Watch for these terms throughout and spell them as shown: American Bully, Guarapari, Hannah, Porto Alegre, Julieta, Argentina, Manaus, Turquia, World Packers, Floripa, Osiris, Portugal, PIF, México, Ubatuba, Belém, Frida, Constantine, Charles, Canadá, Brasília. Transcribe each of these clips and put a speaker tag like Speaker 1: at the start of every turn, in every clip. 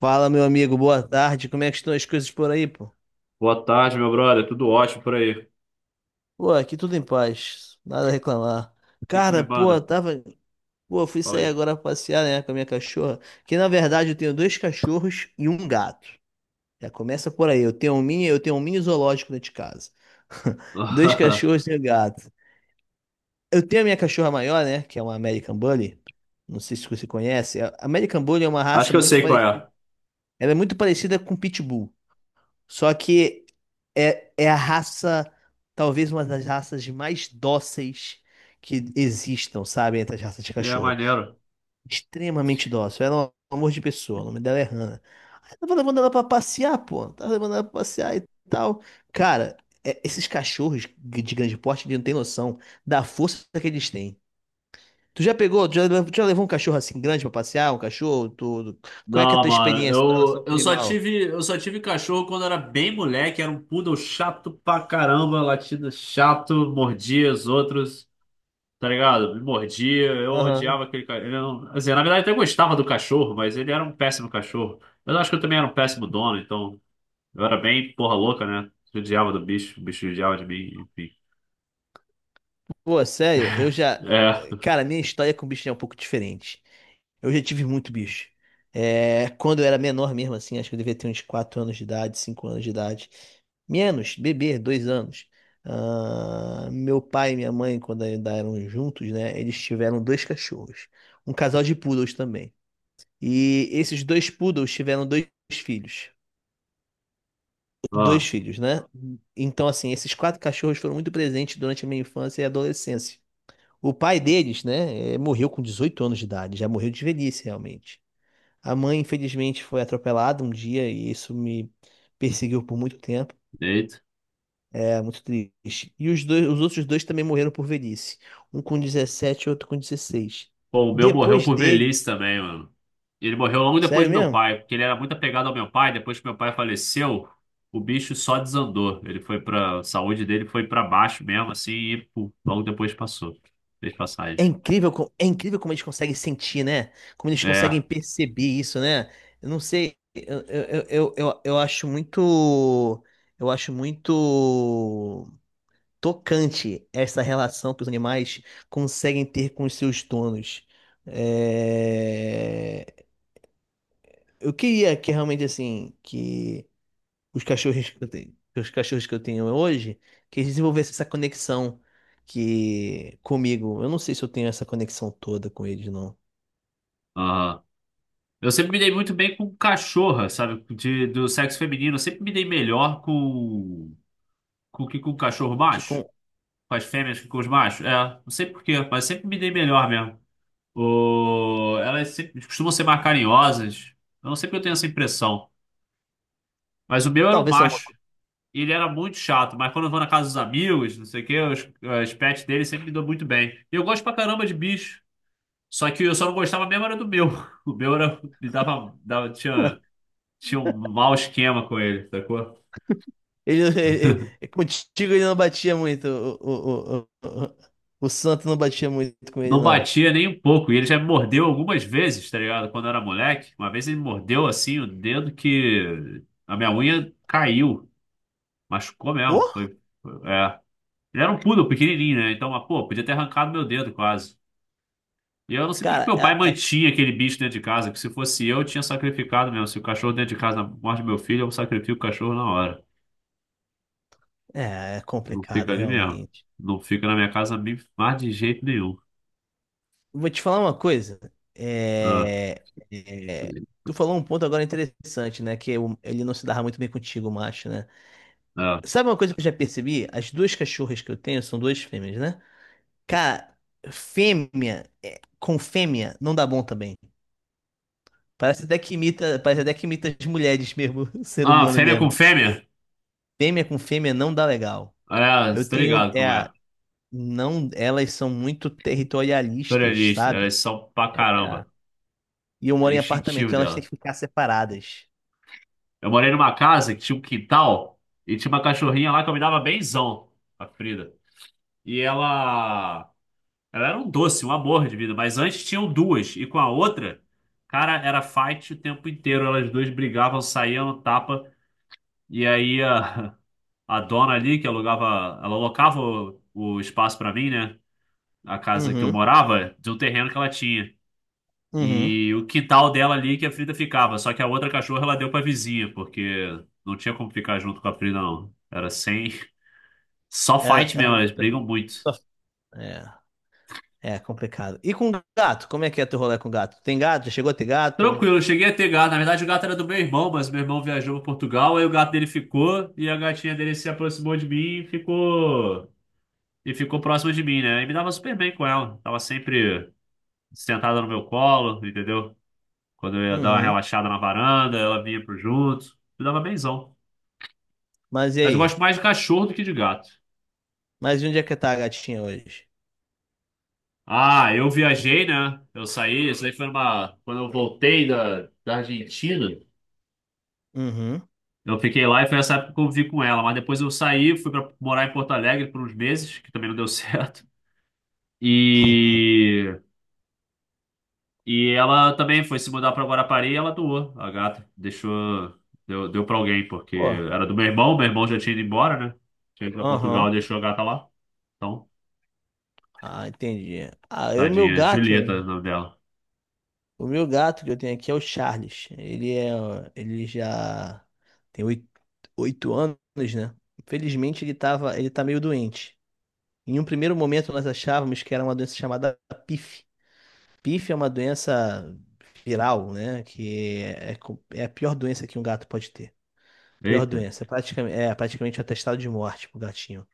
Speaker 1: Fala, meu amigo, boa tarde. Como é que estão as coisas por aí, pô?
Speaker 2: Boa tarde, meu brother. Tudo ótimo por aí. O
Speaker 1: Pô, aqui tudo em paz, nada a reclamar.
Speaker 2: que que tu me
Speaker 1: Cara, pô,
Speaker 2: manda?
Speaker 1: tava. Pô, eu fui
Speaker 2: Fala
Speaker 1: sair
Speaker 2: aí.
Speaker 1: agora pra passear, né, com a minha cachorra. Que na verdade eu tenho dois cachorros e um gato. Já começa por aí. Eu tenho um mini zoológico dentro de casa. Dois cachorros e um gato. Eu tenho a minha cachorra maior, né, que é uma American Bully. Não sei se você conhece. A American Bully é uma
Speaker 2: Acho
Speaker 1: raça
Speaker 2: que eu
Speaker 1: muito
Speaker 2: sei qual
Speaker 1: parecida.
Speaker 2: é.
Speaker 1: Ela é muito parecida com Pitbull. Só que é a raça, talvez uma das raças mais dóceis que existam, sabe? Entre as raças de
Speaker 2: É
Speaker 1: cachorro.
Speaker 2: maneiro.
Speaker 1: Extremamente dócil. Ela é um amor de pessoa. O nome dela é Hannah. Aí tava levando ela pra passear, pô. Tava levando ela pra passear e tal. Cara, esses cachorros de grande porte, eles não têm noção da força que eles têm. Tu já pegou, tu já, le- tu já levou um cachorro assim grande pra passear? Um cachorro, tudo? Qual é que é a
Speaker 2: Não,
Speaker 1: tua
Speaker 2: mano,
Speaker 1: experiência em relação
Speaker 2: eu,
Speaker 1: com o
Speaker 2: eu só
Speaker 1: animal?
Speaker 2: tive, eu só tive cachorro quando era bem moleque, era um poodle chato pra caramba, latido chato, mordia os outros, tá ligado? Me mordia, eu
Speaker 1: Aham.
Speaker 2: odiava aquele cachorro. Assim, na verdade, eu até gostava do cachorro, mas ele era um péssimo cachorro. Mas eu acho que eu também era um péssimo dono, então eu era bem porra louca, né? Eu Odiava do bicho, o bicho odiava de mim, enfim.
Speaker 1: Pô, sério, eu já.
Speaker 2: É.
Speaker 1: Cara, minha história com bicho é um pouco diferente. Eu já tive muito bicho. É, quando eu era menor mesmo, assim, acho que eu devia ter uns 4 anos de idade, 5 anos de idade. Menos, bebê, 2 anos. Ah, meu pai e minha mãe, quando ainda eram juntos, né? Eles tiveram dois cachorros. Um casal de poodles também. E esses dois poodles tiveram dois filhos. Dois filhos, né? Então, assim, esses quatro cachorros foram muito presentes durante a minha infância e adolescência. O pai deles, né, morreu com 18 anos de idade, já morreu de velhice, realmente. A mãe, infelizmente, foi atropelada um dia e isso me perseguiu por muito tempo.
Speaker 2: Eita.
Speaker 1: É muito triste. E os dois, os outros dois também morreram por velhice. Um com 17, e outro com 16.
Speaker 2: Pô, o meu morreu
Speaker 1: Depois
Speaker 2: por
Speaker 1: dele,
Speaker 2: velhice também, mano. E Ele morreu logo depois
Speaker 1: sério
Speaker 2: do meu
Speaker 1: mesmo?
Speaker 2: pai, porque ele era muito apegado ao meu pai. Depois que meu pai faleceu, o bicho só desandou. Ele foi pra. A saúde dele foi pra baixo mesmo, assim, e pô, logo depois passou. Fez
Speaker 1: É
Speaker 2: passagem.
Speaker 1: incrível, é incrível como eles conseguem sentir, né? Como eles
Speaker 2: É,
Speaker 1: conseguem perceber isso, né? Eu não sei, eu acho muito. Eu acho muito tocante essa relação que os animais conseguem ter com os seus donos. É, eu queria que realmente assim que os cachorros que eu tenho, que os cachorros que eu tenho hoje, que eles desenvolvessem essa conexão que comigo. Eu não sei se eu tenho essa conexão toda com eles, não.
Speaker 2: aham. Eu sempre me dei muito bem com cachorra, sabe? De, do sexo feminino. Eu sempre me dei melhor com. Com o que com o cachorro
Speaker 1: Que
Speaker 2: macho?
Speaker 1: com
Speaker 2: Com as fêmeas que com os machos? É, não sei por quê, mas sempre me dei melhor mesmo. O- Elas sempre- costumam ser mais carinhosas. Eu não sei porque eu tenho essa impressão. Mas o meu era um
Speaker 1: talvez é uma
Speaker 2: macho.
Speaker 1: coisa.
Speaker 2: E ele era muito chato. Mas quando eu vou na casa dos amigos, não sei o quê, os pets dele sempre me dão muito bem. E eu gosto pra caramba de bicho. Só que eu só não gostava mesmo era do meu. O meu era, me dava, dava, tinha, tinha um mau esquema com ele, sacou?
Speaker 1: Contigo ele não batia muito. O santo não batia muito com ele,
Speaker 2: Não
Speaker 1: não.
Speaker 2: batia nem um pouco. E ele já me mordeu algumas vezes, tá ligado? Quando eu era moleque. Uma vez ele me mordeu assim o dedo que a minha unha caiu. Machucou
Speaker 1: Ô,
Speaker 2: mesmo. Foi, foi- é. Ele era um poodle pequenininho, né? Então, mas, pô, podia ter arrancado meu dedo quase. E eu não sei por que que
Speaker 1: cara,
Speaker 2: meu pai mantinha aquele bicho dentro de casa, que se fosse eu tinha sacrificado mesmo. Se o cachorro dentro de casa morde meu filho, eu sacrifico o cachorro na hora.
Speaker 1: é, é
Speaker 2: Não fica
Speaker 1: complicado,
Speaker 2: ali mesmo.
Speaker 1: realmente.
Speaker 2: Não fica na minha casa mi- mais de jeito nenhum.
Speaker 1: Vou te falar uma coisa.
Speaker 2: Ah,
Speaker 1: É, é, tu falou um ponto agora interessante, né? Que ele não se dava muito bem contigo, o macho, né?
Speaker 2: ah.
Speaker 1: Sabe uma coisa que eu já percebi? As duas cachorras que eu tenho são duas fêmeas, né? Cara, fêmea é, com fêmea não dá bom também. Parece até que imita, parece até que imita as mulheres mesmo, o ser
Speaker 2: Ah,
Speaker 1: humano
Speaker 2: fêmea com
Speaker 1: mesmo.
Speaker 2: fêmea?
Speaker 1: Fêmea com fêmea não dá legal.
Speaker 2: É, você
Speaker 1: Eu
Speaker 2: tá
Speaker 1: tenho,
Speaker 2: ligado como
Speaker 1: é,
Speaker 2: é.
Speaker 1: não, elas são muito territorialistas,
Speaker 2: Pluralista,
Speaker 1: sabe?
Speaker 2: elas são pra
Speaker 1: É.
Speaker 2: caramba.
Speaker 1: E eu
Speaker 2: É
Speaker 1: moro em apartamento,
Speaker 2: instintivo.
Speaker 1: então elas têm que ficar separadas.
Speaker 2: Eu morei numa casa que tinha um quintal e tinha uma cachorrinha lá que eu me dava benzão, a Frida. E ela era um doce, um amor de vida, mas antes tinham duas e com a outra, cara, era fight o tempo inteiro. Elas duas brigavam, saíam no tapa e aí a dona ali que alugava, ela alocava o espaço pra mim, né? A casa que eu
Speaker 1: Uhum,
Speaker 2: morava, de um terreno que ela tinha.
Speaker 1: uhum.
Speaker 2: E o quintal dela ali que a Frida ficava. Só que a outra cachorra ela deu pra vizinha, porque não tinha como ficar junto com a Frida, não. Era sem. Só
Speaker 1: Era,
Speaker 2: fight
Speaker 1: era
Speaker 2: mesmo, elas brigam
Speaker 1: muito-
Speaker 2: muito.
Speaker 1: só- é, é complicado. E com gato? Como é que é teu rolê com gato? Tem gato? Já chegou a ter gato?
Speaker 2: Tranquilo, eu cheguei a ter gato. Na verdade, o gato era do meu irmão, mas meu irmão viajou para Portugal, aí o gato dele ficou e a gatinha dele se aproximou de mim e ficou. E ficou próxima de mim, né? E me dava super bem com ela. Tava sempre sentada no meu colo, entendeu? Quando eu ia dar uma
Speaker 1: Uhum.
Speaker 2: relaxada na varanda, ela vinha pro junto. Me dava benzão.
Speaker 1: Mas e
Speaker 2: Mas eu
Speaker 1: aí?
Speaker 2: gosto mais de cachorro do que de gato.
Speaker 1: Mas e onde é que tá a gatinha hoje?
Speaker 2: Ah, eu viajei, né? Eu saí, isso aí foi uma. Quando eu voltei da, da Argentina,
Speaker 1: Uhum.
Speaker 2: eu fiquei lá e foi essa época que eu vivi com ela. Mas depois eu saí, fui pra morar em Porto Alegre por uns meses, que também não deu certo. E, e ela também foi se mudar pra Guarapari e ela doou a gata. Deixou. Deu, deu pra alguém, porque
Speaker 1: Pô,
Speaker 2: era do meu irmão já tinha ido embora, né? Tinha ido pra Portugal e
Speaker 1: aham.
Speaker 2: deixou a gata lá. Então,
Speaker 1: Ah, entendi. Ah, eu, meu
Speaker 2: tadinha.
Speaker 1: gato,
Speaker 2: Julieta é o nome dela.
Speaker 1: o meu gato que eu tenho aqui é o Charles. Ele é, ele já tem oito, 8 anos, né? Infelizmente ele tava, ele tá meio doente. Em um primeiro momento, nós achávamos que era uma doença chamada PIF. PIF é uma doença viral, né? Que é, é a pior doença que um gato pode ter. Pior
Speaker 2: Eita,
Speaker 1: doença. Praticamente, é praticamente um atestado de morte pro gatinho.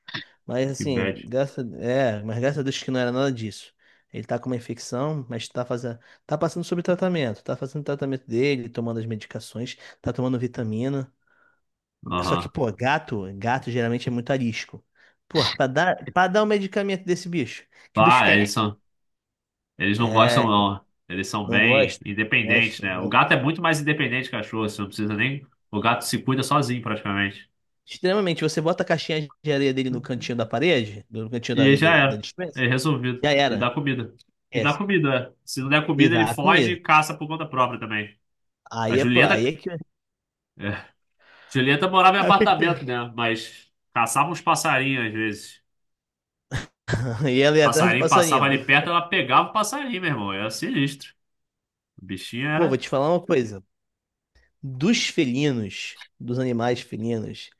Speaker 1: Mas
Speaker 2: que bad.
Speaker 1: assim, mas graças a Deus que não era nada disso. Ele tá com uma infecção, mas tá fazendo, tá passando sobre tratamento, tá fazendo o tratamento dele, tomando as medicações, tá tomando vitamina. Só
Speaker 2: Aham.
Speaker 1: que, pô, gato, gato geralmente é muito arisco. Pô, pra dar um medicamento desse bicho, que o bicho
Speaker 2: Ah, é
Speaker 1: fica.
Speaker 2: isso. Eles não gostam,
Speaker 1: É,
Speaker 2: não. Eles são
Speaker 1: não
Speaker 2: bem
Speaker 1: gosto, não
Speaker 2: independentes,
Speaker 1: gosto, não
Speaker 2: né? O
Speaker 1: gosto.
Speaker 2: gato é muito mais independente que o cachorro, você não precisa nem. O gato se cuida sozinho, praticamente.
Speaker 1: Extremamente, você bota a caixinha de areia dele no cantinho da parede, no cantinho da
Speaker 2: E aí
Speaker 1: areia
Speaker 2: já
Speaker 1: da, da
Speaker 2: era.
Speaker 1: despensa,
Speaker 2: É resolvido.
Speaker 1: já
Speaker 2: E
Speaker 1: era.
Speaker 2: dá comida. E
Speaker 1: É,
Speaker 2: dá comida, é. Se não der
Speaker 1: e
Speaker 2: comida, ele
Speaker 1: dá a
Speaker 2: foge e
Speaker 1: comida.
Speaker 2: caça por conta própria também. A
Speaker 1: Aí é, pro- aí é
Speaker 2: Julieta.
Speaker 1: que.
Speaker 2: É. Julieta morava em
Speaker 1: Ah, o que que tem?
Speaker 2: apartamento, né? Mas caçava uns passarinhos às vezes.
Speaker 1: Aí ela ia atrás do
Speaker 2: Passarinho passava
Speaker 1: passarinho.
Speaker 2: ali perto, ela pegava o passarinho, meu irmão. Era sinistro. O bichinho
Speaker 1: Pô, vou
Speaker 2: era.
Speaker 1: te falar uma coisa. Dos felinos, dos animais felinos,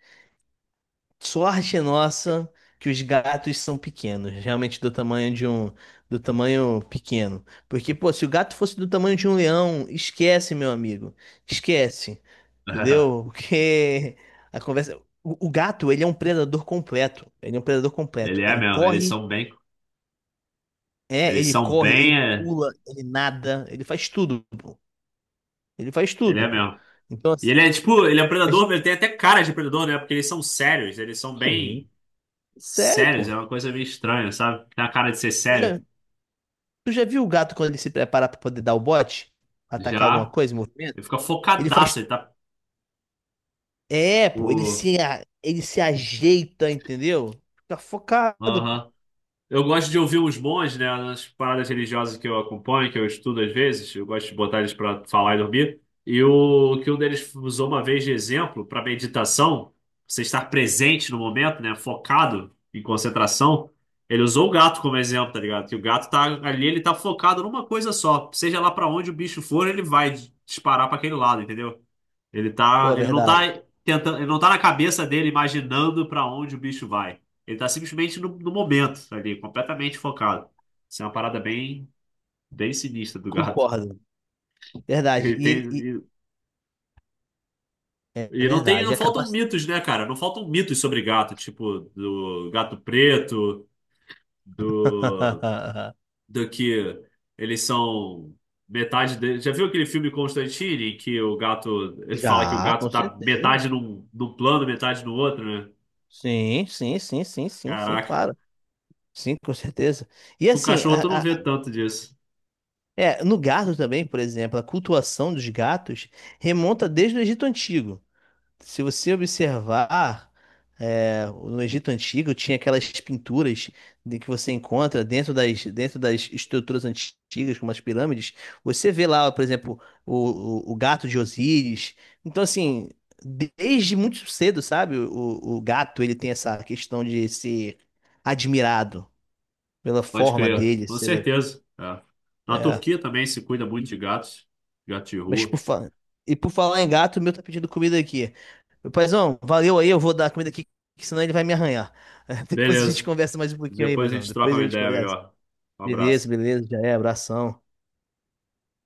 Speaker 1: sorte nossa que os gatos são pequenos, realmente do tamanho de um, do tamanho pequeno. Porque, pô, se o gato fosse do tamanho de um leão, esquece, meu amigo. Esquece. Entendeu? Porque a conversa. o gato, ele é um predador completo. Ele é um predador
Speaker 2: Ele
Speaker 1: completo.
Speaker 2: é
Speaker 1: Ele
Speaker 2: mesmo. Eles
Speaker 1: corre,
Speaker 2: são bem.
Speaker 1: é,
Speaker 2: Eles
Speaker 1: ele
Speaker 2: são
Speaker 1: corre,
Speaker 2: bem.
Speaker 1: ele
Speaker 2: É,
Speaker 1: pula, ele nada, ele faz tudo, pô. Ele faz
Speaker 2: Ele é
Speaker 1: tudo.
Speaker 2: mesmo.
Speaker 1: Então,
Speaker 2: E
Speaker 1: assim,
Speaker 2: ele é tipo, ele é um predador,
Speaker 1: imagina-
Speaker 2: ele tem até cara de predador, né? Porque eles são sérios, eles são
Speaker 1: sim.
Speaker 2: bem
Speaker 1: Sério,
Speaker 2: sérios,
Speaker 1: pô.
Speaker 2: é uma coisa meio estranha, sabe? Tem a cara de ser sério.
Speaker 1: Tu já viu o gato quando ele se prepara pra poder dar o bote? Atacar alguma
Speaker 2: Já,
Speaker 1: coisa, movimento?
Speaker 2: ele fica
Speaker 1: Ele faz.
Speaker 2: focadaço, ele tá.
Speaker 1: É, pô,
Speaker 2: O...
Speaker 1: ele se ajeita, entendeu? Fica focado, pô.
Speaker 2: Aham. Eu gosto de ouvir os bons, né? Nas paradas religiosas que eu acompanho, que eu estudo às vezes, eu gosto de botar eles para falar e dormir. E o que um deles usou uma vez de exemplo para meditação, você estar presente no momento, né? Focado em concentração. Ele usou o gato como exemplo, tá ligado? Que o gato tá ali, ele tá focado numa coisa só. Seja lá para onde o bicho for, ele vai disparar para aquele lado, entendeu? Ele
Speaker 1: Pô,
Speaker 2: tá,
Speaker 1: é
Speaker 2: ele não
Speaker 1: verdade.
Speaker 2: tá tentando, ele não tá na cabeça dele imaginando pra onde o bicho vai. Ele tá simplesmente no, no momento ali, completamente focado. Isso é uma parada bem, bem sinistra do gato.
Speaker 1: Concordo. Verdade.
Speaker 2: Ele
Speaker 1: E ele.
Speaker 2: tem
Speaker 1: E- É
Speaker 2: e não tem,
Speaker 1: verdade.
Speaker 2: não
Speaker 1: É
Speaker 2: faltam
Speaker 1: capaz.
Speaker 2: mitos, né, cara? Não faltam mitos sobre gato, tipo do gato preto, do do que eles são metade dele. Já viu aquele filme Constantine em que o gato, ele fala que o
Speaker 1: Já,
Speaker 2: gato
Speaker 1: com
Speaker 2: tá
Speaker 1: certeza.
Speaker 2: metade num, num plano, metade no outro, né?
Speaker 1: Sim, sim, sim, sim, sim, sim,
Speaker 2: Caraca,
Speaker 1: claro. Sim, com certeza. E
Speaker 2: com o
Speaker 1: assim,
Speaker 2: cachorro tu não vê
Speaker 1: a-
Speaker 2: tanto disso.
Speaker 1: é, no gato também, por exemplo, a cultuação dos gatos remonta desde o Egito Antigo. Se você observar, é, no Egito Antigo tinha aquelas pinturas de que você encontra dentro das estruturas antigas, como as pirâmides. Você vê lá, por exemplo, o gato de Osíris. Então, assim, desde muito cedo, sabe? O gato, ele tem essa questão de ser admirado pela
Speaker 2: Pode
Speaker 1: forma
Speaker 2: crer,
Speaker 1: dele,
Speaker 2: com
Speaker 1: pela,
Speaker 2: certeza. É. Na
Speaker 1: é.
Speaker 2: Turquia também se cuida muito de gatos, gato de
Speaker 1: Mas por
Speaker 2: rua.
Speaker 1: fa... E por falar em gato, o meu tá pedindo comida aqui. Meu paizão, valeu aí, eu vou dar comida aqui, que senão ele vai me arranhar. Depois a gente
Speaker 2: Beleza.
Speaker 1: conversa mais um pouquinho aí,
Speaker 2: Depois a
Speaker 1: paizão.
Speaker 2: gente troca
Speaker 1: Depois a
Speaker 2: uma
Speaker 1: gente
Speaker 2: ideia
Speaker 1: conversa.
Speaker 2: melhor. Um
Speaker 1: Beleza,
Speaker 2: abraço.
Speaker 1: beleza, já é, abração.